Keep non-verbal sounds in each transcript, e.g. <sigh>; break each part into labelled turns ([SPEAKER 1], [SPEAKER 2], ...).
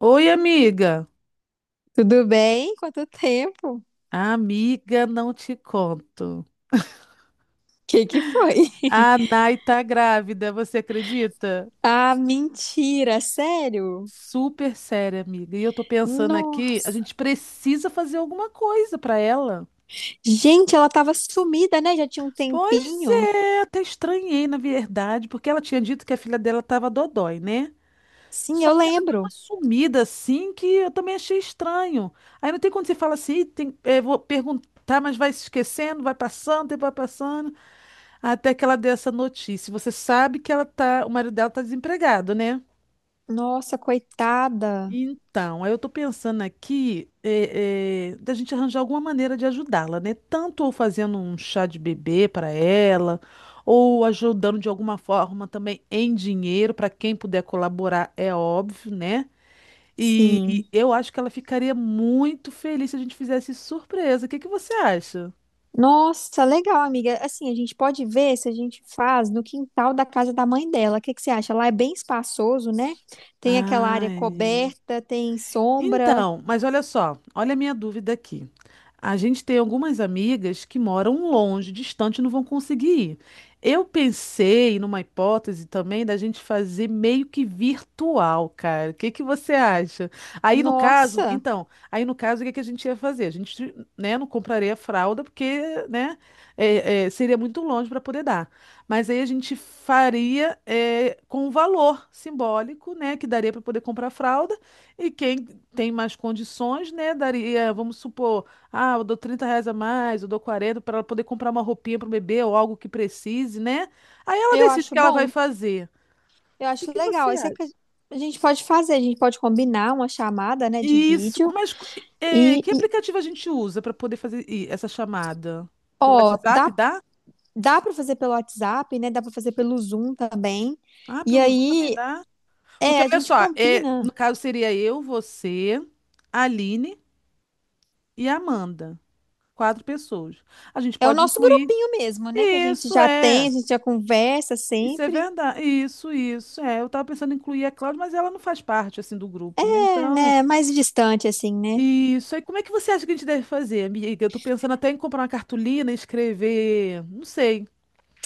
[SPEAKER 1] Oi, amiga.
[SPEAKER 2] Tudo bem? Quanto tempo?
[SPEAKER 1] Amiga, não te conto.
[SPEAKER 2] Que foi? <laughs>
[SPEAKER 1] A Nai tá grávida, você acredita?
[SPEAKER 2] Ah, mentira, sério?
[SPEAKER 1] Super séria, amiga. E eu tô pensando aqui, a
[SPEAKER 2] Nossa.
[SPEAKER 1] gente precisa fazer alguma coisa pra ela.
[SPEAKER 2] Gente, ela tava sumida, né? Já tinha um
[SPEAKER 1] Pois
[SPEAKER 2] tempinho.
[SPEAKER 1] é, até estranhei, na verdade, porque ela tinha dito que a filha dela tava dodói, né?
[SPEAKER 2] Sim,
[SPEAKER 1] Só
[SPEAKER 2] eu
[SPEAKER 1] que ela deu uma
[SPEAKER 2] lembro.
[SPEAKER 1] sumida assim que eu também achei estranho. Aí não tem quando você fala assim, "Ih, tem, vou perguntar, mas vai se esquecendo, vai passando, tempo vai passando. Até que ela deu essa notícia. Você sabe que o marido dela tá desempregado, né?
[SPEAKER 2] Nossa, coitada.
[SPEAKER 1] Então, aí eu tô pensando aqui da gente arranjar alguma maneira de ajudá-la, né? Tanto ou fazendo um chá de bebê para ela, ou ajudando de alguma forma também em dinheiro para quem puder colaborar, é óbvio, né? E,
[SPEAKER 2] Sim.
[SPEAKER 1] e eu acho que ela ficaria muito feliz se a gente fizesse surpresa. O que que você acha?
[SPEAKER 2] Nossa, legal, amiga. Assim, a gente pode ver se a gente faz no quintal da casa da mãe dela. O que que você acha? Lá é bem espaçoso, né? Tem aquela área
[SPEAKER 1] Ai.
[SPEAKER 2] coberta, tem sombra.
[SPEAKER 1] Então, mas olha só, olha a minha dúvida aqui. A gente tem algumas amigas que moram longe, distante, e não vão conseguir ir. Eu pensei numa hipótese também da gente fazer meio que virtual, cara. O que que você acha? Aí no caso,
[SPEAKER 2] Nossa,
[SPEAKER 1] então, aí no caso, o que que a gente ia fazer? A gente, né, não compraria fralda porque, né, seria muito longe para poder dar. Mas aí a gente faria com o valor simbólico, né, que daria para poder comprar fralda. E quem tem mais condições, né? Daria, vamos supor, ah, eu dou R$ 30 a mais, eu dou 40 para ela poder comprar uma roupinha para o bebê ou algo que precise, né? Aí ela
[SPEAKER 2] eu
[SPEAKER 1] decide o
[SPEAKER 2] acho
[SPEAKER 1] que ela vai
[SPEAKER 2] bom.
[SPEAKER 1] fazer.
[SPEAKER 2] Eu
[SPEAKER 1] O
[SPEAKER 2] acho
[SPEAKER 1] que você
[SPEAKER 2] legal. Esse é
[SPEAKER 1] acha?
[SPEAKER 2] que a gente pode fazer, a gente pode combinar uma chamada, né, de
[SPEAKER 1] Isso,
[SPEAKER 2] vídeo
[SPEAKER 1] mas
[SPEAKER 2] e,
[SPEAKER 1] que
[SPEAKER 2] e,
[SPEAKER 1] aplicativo a gente usa para poder fazer essa chamada? Pelo
[SPEAKER 2] ó,
[SPEAKER 1] WhatsApp
[SPEAKER 2] dá
[SPEAKER 1] dá?
[SPEAKER 2] dá para fazer pelo WhatsApp, né? Dá para fazer pelo Zoom também.
[SPEAKER 1] Ah,
[SPEAKER 2] E
[SPEAKER 1] pelo Zoom também
[SPEAKER 2] aí,
[SPEAKER 1] dá? Porque
[SPEAKER 2] a
[SPEAKER 1] olha
[SPEAKER 2] gente
[SPEAKER 1] só,
[SPEAKER 2] combina.
[SPEAKER 1] no caso seria eu, você, a Aline e a Amanda. Quatro pessoas. A gente
[SPEAKER 2] É o
[SPEAKER 1] pode
[SPEAKER 2] nosso
[SPEAKER 1] incluir.
[SPEAKER 2] grupinho mesmo, né, que a gente
[SPEAKER 1] Isso
[SPEAKER 2] já tem,
[SPEAKER 1] é.
[SPEAKER 2] a gente já conversa
[SPEAKER 1] Isso é
[SPEAKER 2] sempre,
[SPEAKER 1] verdade. Isso, isso. É, eu tava pensando em incluir a Cláudia, mas ela não faz parte assim do grupo, né?
[SPEAKER 2] é,
[SPEAKER 1] Então,
[SPEAKER 2] né, mais distante assim, né?
[SPEAKER 1] isso. E como é que você acha que a gente deve fazer, amiga? Eu tô pensando até em comprar uma cartolina e escrever, não sei,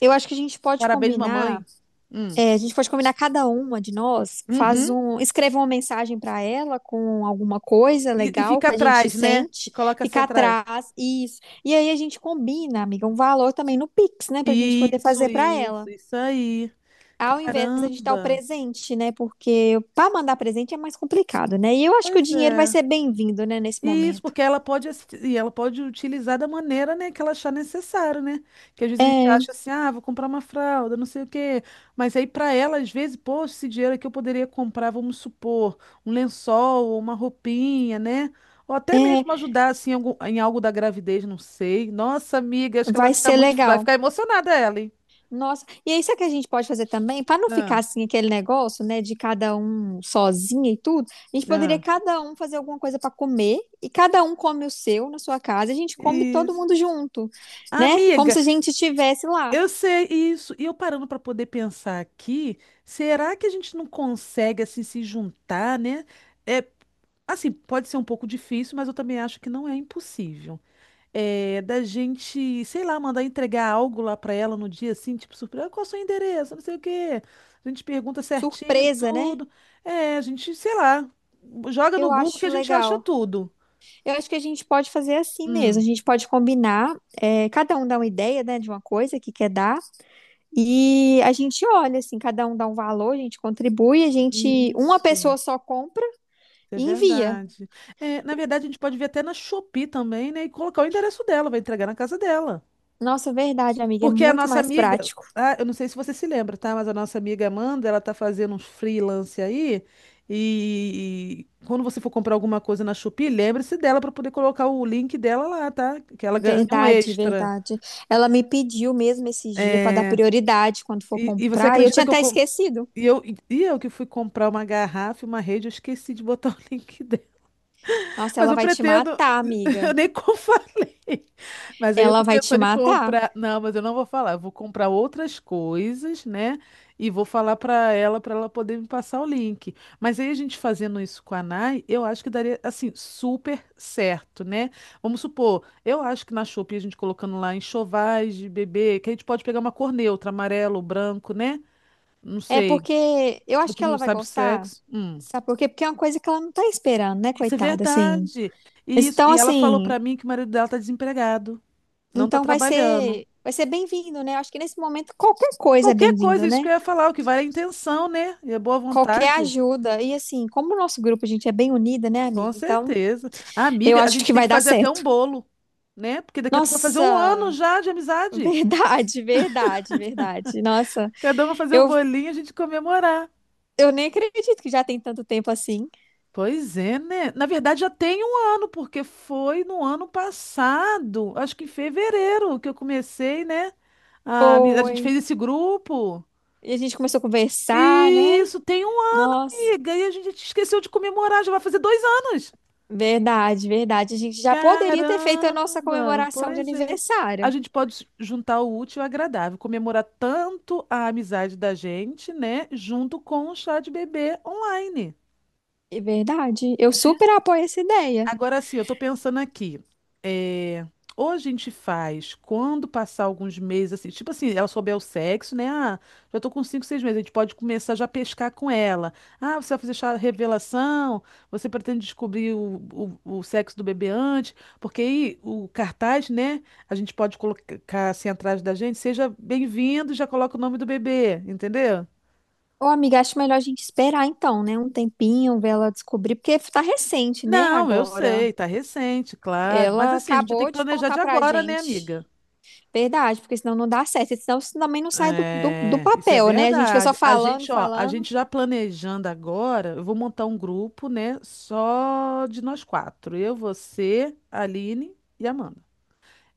[SPEAKER 2] Eu acho que a gente pode
[SPEAKER 1] parabéns,
[SPEAKER 2] combinar.
[SPEAKER 1] mamãe. Hum.
[SPEAKER 2] É, a gente pode combinar cada uma de nós, faz
[SPEAKER 1] Uhum.
[SPEAKER 2] um, escreva uma mensagem para ela com alguma coisa
[SPEAKER 1] E
[SPEAKER 2] legal
[SPEAKER 1] fica
[SPEAKER 2] que a gente
[SPEAKER 1] atrás, né? E
[SPEAKER 2] sente,
[SPEAKER 1] coloca assim
[SPEAKER 2] fica
[SPEAKER 1] atrás.
[SPEAKER 2] atrás, isso. E aí a gente combina, amiga, um valor também no Pix, né, pra gente poder
[SPEAKER 1] Isso,
[SPEAKER 2] fazer para
[SPEAKER 1] isso,
[SPEAKER 2] ela.
[SPEAKER 1] isso aí.
[SPEAKER 2] Ao invés de gente dar o
[SPEAKER 1] Caramba.
[SPEAKER 2] presente, né? Porque para mandar presente é mais complicado, né? E eu acho que o
[SPEAKER 1] Pois
[SPEAKER 2] dinheiro vai
[SPEAKER 1] é.
[SPEAKER 2] ser bem-vindo, né, nesse
[SPEAKER 1] Isso,
[SPEAKER 2] momento.
[SPEAKER 1] porque ela pode utilizar da maneira, né, que ela achar necessário, né? Que às vezes a gente
[SPEAKER 2] É,
[SPEAKER 1] acha assim, ah, vou comprar uma fralda, não sei o quê. Mas aí para ela, às vezes, poxa, esse dinheiro aqui eu poderia comprar, vamos supor, um lençol, ou uma roupinha, né? Ou até
[SPEAKER 2] é,
[SPEAKER 1] mesmo ajudar assim em em algo da gravidez, não sei. Nossa, amiga, acho que ela
[SPEAKER 2] vai
[SPEAKER 1] fica
[SPEAKER 2] ser
[SPEAKER 1] muito, vai
[SPEAKER 2] legal.
[SPEAKER 1] ficar emocionada ela, hein?
[SPEAKER 2] Nossa, e é isso é que a gente pode fazer também, para não ficar
[SPEAKER 1] Ah,
[SPEAKER 2] assim aquele negócio, né, de cada um sozinha e tudo, a gente poderia
[SPEAKER 1] ah.
[SPEAKER 2] cada um fazer alguma coisa para comer e cada um come o seu na sua casa, e a gente come todo
[SPEAKER 1] Isso.
[SPEAKER 2] mundo junto, né? Como
[SPEAKER 1] Amiga,
[SPEAKER 2] se a gente estivesse lá,
[SPEAKER 1] eu sei isso. E eu parando para poder pensar aqui, será que a gente não consegue assim se juntar, né? É, assim, pode ser um pouco difícil, mas eu também acho que não é impossível. É, da gente, sei lá, mandar entregar algo lá para ela no dia assim, tipo surpresa, "Ah, qual é o seu endereço? Não sei o quê. A gente pergunta certinho
[SPEAKER 2] surpresa, né?
[SPEAKER 1] tudo. É, a gente, sei lá, joga no
[SPEAKER 2] Eu
[SPEAKER 1] Google que
[SPEAKER 2] acho
[SPEAKER 1] a gente acha
[SPEAKER 2] legal.
[SPEAKER 1] tudo.
[SPEAKER 2] Eu acho que a gente pode fazer assim mesmo.
[SPEAKER 1] Hum.
[SPEAKER 2] A gente pode combinar, cada um dá uma ideia, né, de uma coisa que quer dar, e a gente olha, assim, cada um dá um valor, a gente contribui, a gente, uma
[SPEAKER 1] Isso.
[SPEAKER 2] pessoa só compra
[SPEAKER 1] É
[SPEAKER 2] e envia.
[SPEAKER 1] verdade. É, na verdade, a gente pode ver até na Shopee também, né? E colocar o endereço dela, vai entregar na casa dela.
[SPEAKER 2] Nossa, verdade, amiga, é
[SPEAKER 1] Porque a
[SPEAKER 2] muito
[SPEAKER 1] nossa
[SPEAKER 2] mais
[SPEAKER 1] amiga,
[SPEAKER 2] prático.
[SPEAKER 1] ah, eu não sei se você se lembra, tá? Mas a nossa amiga Amanda, ela tá fazendo uns freelance aí. E quando você for comprar alguma coisa na Shopee, lembre-se dela para poder colocar o link dela lá, tá? Que ela ganha um
[SPEAKER 2] Verdade,
[SPEAKER 1] extra.
[SPEAKER 2] verdade. Ela me pediu mesmo esses dias para dar prioridade quando for
[SPEAKER 1] E você
[SPEAKER 2] comprar, e eu
[SPEAKER 1] acredita
[SPEAKER 2] tinha
[SPEAKER 1] que eu,
[SPEAKER 2] até
[SPEAKER 1] com-
[SPEAKER 2] esquecido.
[SPEAKER 1] e eu. E eu que fui comprar uma garrafa e uma rede, eu esqueci de botar <laughs> o link
[SPEAKER 2] Nossa,
[SPEAKER 1] Mas
[SPEAKER 2] ela
[SPEAKER 1] eu
[SPEAKER 2] vai te
[SPEAKER 1] pretendo.
[SPEAKER 2] matar,
[SPEAKER 1] <laughs> Eu
[SPEAKER 2] amiga.
[SPEAKER 1] nem como falei. Mas aí eu
[SPEAKER 2] Ela
[SPEAKER 1] tô
[SPEAKER 2] vai te
[SPEAKER 1] pensando em
[SPEAKER 2] matar.
[SPEAKER 1] comprar. Não, mas eu não vou falar. Eu vou comprar outras coisas, né? E vou falar pra ela poder me passar o link. Mas aí a gente fazendo isso com a Nai, eu acho que daria, assim, super certo, né? Vamos supor, eu acho que na Shopee a gente colocando lá enxovais de bebê, que a gente pode pegar uma cor neutra, amarelo, branco, né? Não
[SPEAKER 2] É
[SPEAKER 1] sei.
[SPEAKER 2] porque eu
[SPEAKER 1] A
[SPEAKER 2] acho
[SPEAKER 1] gente
[SPEAKER 2] que
[SPEAKER 1] não
[SPEAKER 2] ela vai
[SPEAKER 1] sabe o
[SPEAKER 2] gostar.
[SPEAKER 1] sexo. Hum.
[SPEAKER 2] Sabe por quê? Porque é uma coisa que ela não tá esperando, né,
[SPEAKER 1] Isso é
[SPEAKER 2] coitada, assim.
[SPEAKER 1] verdade. E, isso-
[SPEAKER 2] Então,
[SPEAKER 1] e ela falou
[SPEAKER 2] assim,
[SPEAKER 1] pra mim que o marido dela tá desempregado, não tá
[SPEAKER 2] então
[SPEAKER 1] trabalhando.
[SPEAKER 2] vai ser bem-vindo, né? Eu acho que nesse momento qualquer coisa é
[SPEAKER 1] Qualquer coisa,
[SPEAKER 2] bem-vindo,
[SPEAKER 1] isso
[SPEAKER 2] né?
[SPEAKER 1] que eu ia falar, o que vale é a intenção, né? E a boa
[SPEAKER 2] Qualquer
[SPEAKER 1] vontade.
[SPEAKER 2] ajuda. E assim, como o nosso grupo, a gente é bem unida, né,
[SPEAKER 1] Com
[SPEAKER 2] amiga? Então,
[SPEAKER 1] certeza. Ah,
[SPEAKER 2] eu
[SPEAKER 1] amiga, a
[SPEAKER 2] acho
[SPEAKER 1] gente
[SPEAKER 2] que
[SPEAKER 1] tem
[SPEAKER 2] vai
[SPEAKER 1] que
[SPEAKER 2] dar
[SPEAKER 1] fazer até um
[SPEAKER 2] certo.
[SPEAKER 1] bolo, né? Porque daqui a pouco vai fazer um ano
[SPEAKER 2] Nossa,
[SPEAKER 1] já de amizade.
[SPEAKER 2] verdade, <laughs> verdade, verdade. Nossa,
[SPEAKER 1] Cada um vai fazer um
[SPEAKER 2] eu,
[SPEAKER 1] bolinho e a gente comemorar.
[SPEAKER 2] eu nem acredito que já tem tanto tempo assim.
[SPEAKER 1] Pois é, né? Na verdade, já tem um ano, porque foi no ano passado, acho que em fevereiro, que eu comecei, né? A gente fez
[SPEAKER 2] Foi.
[SPEAKER 1] esse grupo.
[SPEAKER 2] E a gente começou a conversar, né?
[SPEAKER 1] Isso, tem um ano,
[SPEAKER 2] Nossa,
[SPEAKER 1] amiga. E a gente esqueceu de comemorar, já vai fazer 2 anos.
[SPEAKER 2] verdade, verdade. A gente já poderia ter feito a nossa
[SPEAKER 1] Caramba,
[SPEAKER 2] comemoração de
[SPEAKER 1] pois é. A
[SPEAKER 2] aniversário.
[SPEAKER 1] gente pode juntar o útil ao agradável, comemorar tanto a amizade da gente, né, junto com o chá de bebê online.
[SPEAKER 2] É verdade. Eu super apoio essa ideia.
[SPEAKER 1] Agora sim, eu tô pensando aqui. É, ou a gente faz quando passar alguns meses, assim, tipo assim, ela souber o sexo, né? Ah, já tô com 5, 6 meses, a gente pode começar já a pescar com ela. Ah, você vai fazer revelação, você pretende descobrir o sexo do bebê antes, porque aí o cartaz, né? A gente pode colocar assim atrás da gente, seja bem-vindo, já coloca o nome do bebê, entendeu?
[SPEAKER 2] Ô, amiga, acho melhor a gente esperar então, né? Um tempinho, ver ela descobrir, porque tá recente, né?
[SPEAKER 1] Não, eu
[SPEAKER 2] Agora.
[SPEAKER 1] sei, tá recente, claro. Mas
[SPEAKER 2] Ela
[SPEAKER 1] assim, a gente tem
[SPEAKER 2] acabou
[SPEAKER 1] que
[SPEAKER 2] de
[SPEAKER 1] planejar de
[SPEAKER 2] contar pra
[SPEAKER 1] agora, né,
[SPEAKER 2] gente.
[SPEAKER 1] amiga?
[SPEAKER 2] Verdade, porque senão não dá certo. Senão isso também não sai do
[SPEAKER 1] É, isso é
[SPEAKER 2] papel, né? A gente fica só
[SPEAKER 1] verdade. A
[SPEAKER 2] falando,
[SPEAKER 1] gente, ó, a
[SPEAKER 2] falando.
[SPEAKER 1] gente já planejando agora, eu vou montar um grupo, né, só de nós quatro. Eu, você, a Aline e a Amanda.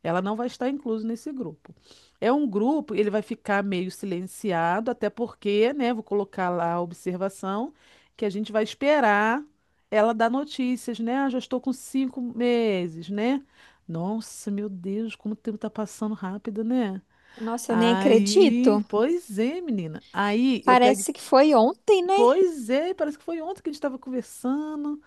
[SPEAKER 1] Ela não vai estar inclusa nesse grupo. É um grupo, ele vai ficar meio silenciado, até porque, né, vou colocar lá a observação que a gente vai esperar ela dar notícias, né? Ah, já estou com 5 meses, né? Nossa, meu Deus, como o tempo tá passando rápido, né?
[SPEAKER 2] Nossa, eu nem
[SPEAKER 1] Aí,
[SPEAKER 2] acredito.
[SPEAKER 1] pois é, menina. Aí eu pego,
[SPEAKER 2] Parece que foi ontem, né,
[SPEAKER 1] pois é, parece que foi ontem que a gente estava conversando.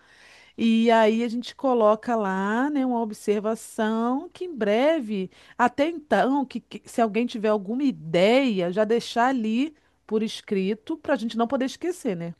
[SPEAKER 1] E aí a gente coloca lá, né, uma observação que em breve, até então, que se alguém tiver alguma ideia, já deixar ali por escrito para a gente não poder esquecer, né?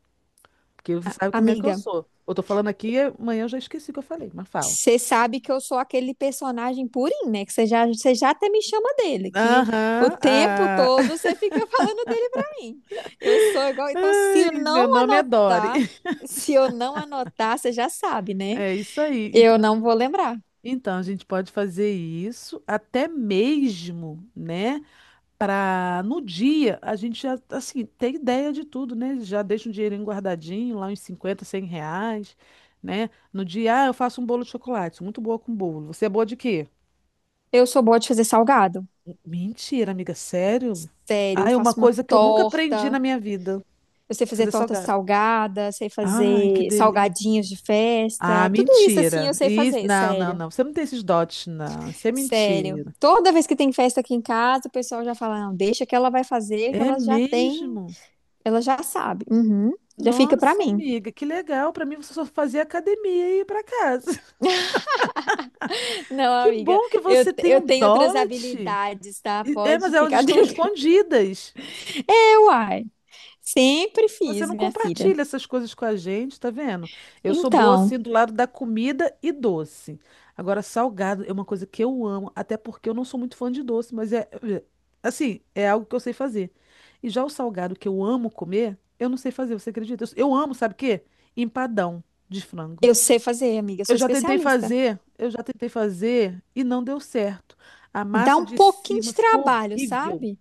[SPEAKER 1] Porque você sabe como é que eu
[SPEAKER 2] amiga?
[SPEAKER 1] sou. Eu tô falando aqui, e amanhã eu já esqueci o que eu falei, mas fala.
[SPEAKER 2] Você sabe que eu sou aquele personagem purinho, né? Que você já até me chama dele, que o
[SPEAKER 1] Aham,
[SPEAKER 2] tempo
[SPEAKER 1] ah.
[SPEAKER 2] todo
[SPEAKER 1] <laughs>
[SPEAKER 2] você fica <laughs> falando dele pra mim. Eu sou igual. Então, se
[SPEAKER 1] Ai,
[SPEAKER 2] eu não
[SPEAKER 1] meu nome é Dori.
[SPEAKER 2] anotar,
[SPEAKER 1] <laughs>
[SPEAKER 2] você já sabe, né?
[SPEAKER 1] É isso aí. Então,
[SPEAKER 2] Eu não vou lembrar.
[SPEAKER 1] A gente pode fazer isso até mesmo, né? Para no dia a gente já, assim, ter ideia de tudo, né? Já deixa um dinheirinho guardadinho, lá uns 50, R$ 100, né? No dia, ah, eu faço um bolo de chocolate, sou muito boa com bolo. Você é boa de quê?
[SPEAKER 2] Eu sou boa de fazer salgado.
[SPEAKER 1] Mentira, amiga, sério?
[SPEAKER 2] Sério,
[SPEAKER 1] Ah,
[SPEAKER 2] eu
[SPEAKER 1] é uma
[SPEAKER 2] faço uma
[SPEAKER 1] coisa que eu nunca aprendi
[SPEAKER 2] torta.
[SPEAKER 1] na minha vida,
[SPEAKER 2] Eu sei
[SPEAKER 1] é
[SPEAKER 2] fazer
[SPEAKER 1] fazer
[SPEAKER 2] torta
[SPEAKER 1] salgado.
[SPEAKER 2] salgada, sei
[SPEAKER 1] Ai, que
[SPEAKER 2] fazer
[SPEAKER 1] delícia.
[SPEAKER 2] salgadinhos de
[SPEAKER 1] Ah,
[SPEAKER 2] festa, tudo isso assim
[SPEAKER 1] mentira.
[SPEAKER 2] eu sei
[SPEAKER 1] Isso,
[SPEAKER 2] fazer,
[SPEAKER 1] não, não,
[SPEAKER 2] sério.
[SPEAKER 1] não. Você não tem esses dotes, não. Isso é
[SPEAKER 2] Sério.
[SPEAKER 1] mentira.
[SPEAKER 2] Toda vez que tem festa aqui em casa, o pessoal já fala: "Não, deixa que ela vai fazer, que
[SPEAKER 1] É
[SPEAKER 2] ela já tem,
[SPEAKER 1] mesmo?
[SPEAKER 2] ela já sabe". Uhum. Já fica pra
[SPEAKER 1] Nossa,
[SPEAKER 2] mim.
[SPEAKER 1] amiga, que legal. Pra mim, você só fazia academia e ia pra casa. <laughs>
[SPEAKER 2] Não,
[SPEAKER 1] Que
[SPEAKER 2] amiga,
[SPEAKER 1] bom que você tem
[SPEAKER 2] eu
[SPEAKER 1] um
[SPEAKER 2] tenho outras
[SPEAKER 1] dote.
[SPEAKER 2] habilidades, tá?
[SPEAKER 1] É, mas
[SPEAKER 2] Pode
[SPEAKER 1] elas
[SPEAKER 2] ficar
[SPEAKER 1] estão
[SPEAKER 2] tranquila. <laughs>
[SPEAKER 1] escondidas.
[SPEAKER 2] É, uai. Sempre
[SPEAKER 1] Você
[SPEAKER 2] fiz,
[SPEAKER 1] não
[SPEAKER 2] minha filha.
[SPEAKER 1] compartilha essas coisas com a gente, tá vendo? Eu sou boa assim
[SPEAKER 2] Então,
[SPEAKER 1] do lado da comida e doce. Agora, salgado é uma coisa que eu amo, até porque eu não sou muito fã de doce, mas é assim, é algo que eu sei fazer. E já o salgado que eu amo comer, eu não sei fazer, você acredita? Eu amo, sabe o quê? Empadão de frango.
[SPEAKER 2] eu sei fazer, amiga, eu
[SPEAKER 1] Eu
[SPEAKER 2] sou
[SPEAKER 1] já tentei
[SPEAKER 2] especialista.
[SPEAKER 1] fazer, eu já tentei fazer e não deu certo. A
[SPEAKER 2] Dá
[SPEAKER 1] massa
[SPEAKER 2] um
[SPEAKER 1] de
[SPEAKER 2] pouquinho
[SPEAKER 1] cima
[SPEAKER 2] de
[SPEAKER 1] ficou
[SPEAKER 2] trabalho,
[SPEAKER 1] horrível.
[SPEAKER 2] sabe?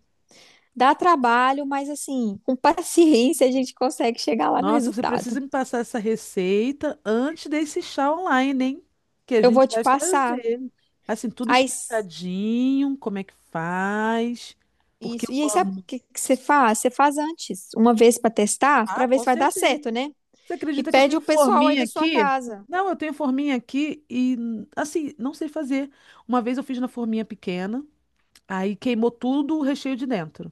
[SPEAKER 2] Dá trabalho, mas assim, com paciência a gente consegue chegar lá no
[SPEAKER 1] Nossa, você
[SPEAKER 2] resultado.
[SPEAKER 1] precisa me passar essa receita antes desse chá online, hein? Que a
[SPEAKER 2] Eu vou
[SPEAKER 1] gente
[SPEAKER 2] te
[SPEAKER 1] vai
[SPEAKER 2] passar.
[SPEAKER 1] fazer. Assim, tudo
[SPEAKER 2] Aí, s-
[SPEAKER 1] explicadinho, como é que faz, porque
[SPEAKER 2] isso. E
[SPEAKER 1] eu
[SPEAKER 2] aí, sabe o
[SPEAKER 1] amo.
[SPEAKER 2] que que você faz? Você faz antes, uma vez para testar,
[SPEAKER 1] Ah,
[SPEAKER 2] para ver
[SPEAKER 1] com
[SPEAKER 2] se vai dar
[SPEAKER 1] certeza.
[SPEAKER 2] certo, né?
[SPEAKER 1] Você
[SPEAKER 2] E
[SPEAKER 1] acredita que eu
[SPEAKER 2] pede
[SPEAKER 1] tenho
[SPEAKER 2] o pessoal aí
[SPEAKER 1] forminha
[SPEAKER 2] da sua
[SPEAKER 1] aqui?
[SPEAKER 2] casa.
[SPEAKER 1] Não, eu tenho forminha aqui e, assim, não sei fazer. Uma vez eu fiz na forminha pequena, aí queimou tudo o recheio de dentro.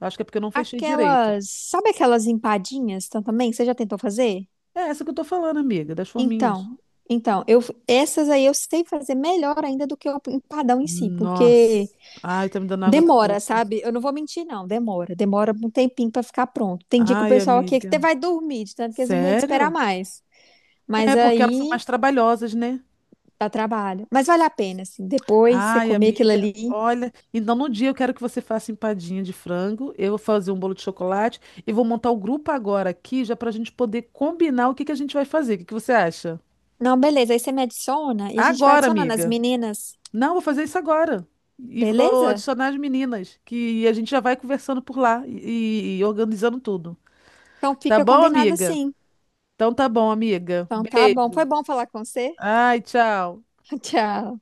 [SPEAKER 1] Eu acho que é porque eu não fechei direito.
[SPEAKER 2] Aquelas, sabe aquelas também? Você já tentou fazer?
[SPEAKER 1] É essa que eu tô falando, amiga, das forminhas.
[SPEAKER 2] Então, então, eu essas aí eu sei fazer melhor ainda do que o empadão em si, porque
[SPEAKER 1] Nossa. Ai, tá me dando água na
[SPEAKER 2] demora,
[SPEAKER 1] boca.
[SPEAKER 2] sabe? Eu não vou mentir, não. Demora. Demora um tempinho pra ficar pronto. Tem dia que o
[SPEAKER 1] Ai,
[SPEAKER 2] pessoal aqui é que até
[SPEAKER 1] amiga.
[SPEAKER 2] vai dormir, de tanto que eles não aguentam esperar
[SPEAKER 1] Sério?
[SPEAKER 2] mais. Mas
[SPEAKER 1] É porque elas são
[SPEAKER 2] aí
[SPEAKER 1] mais trabalhosas, né?
[SPEAKER 2] dá trabalho. Mas vale a pena, assim. Depois você
[SPEAKER 1] Ai,
[SPEAKER 2] comer aquilo
[SPEAKER 1] amiga.
[SPEAKER 2] ali.
[SPEAKER 1] Olha, então no dia eu quero que você faça empadinha de frango, eu vou fazer um bolo de chocolate e vou montar o grupo agora aqui, já pra gente poder combinar o que que a gente vai fazer. O que que você acha?
[SPEAKER 2] Não, beleza. Aí você me adiciona e a gente vai
[SPEAKER 1] Agora,
[SPEAKER 2] adicionando as
[SPEAKER 1] amiga.
[SPEAKER 2] meninas.
[SPEAKER 1] Não, vou fazer isso agora. E vou
[SPEAKER 2] Beleza?
[SPEAKER 1] adicionar as meninas, que a gente já vai conversando por lá e organizando tudo.
[SPEAKER 2] Então
[SPEAKER 1] Tá
[SPEAKER 2] fica
[SPEAKER 1] bom,
[SPEAKER 2] combinado
[SPEAKER 1] amiga?
[SPEAKER 2] assim.
[SPEAKER 1] Então tá bom, amiga.
[SPEAKER 2] Então tá bom. Foi
[SPEAKER 1] Beijo.
[SPEAKER 2] bom falar com você.
[SPEAKER 1] Ai, tchau.
[SPEAKER 2] <laughs> Tchau.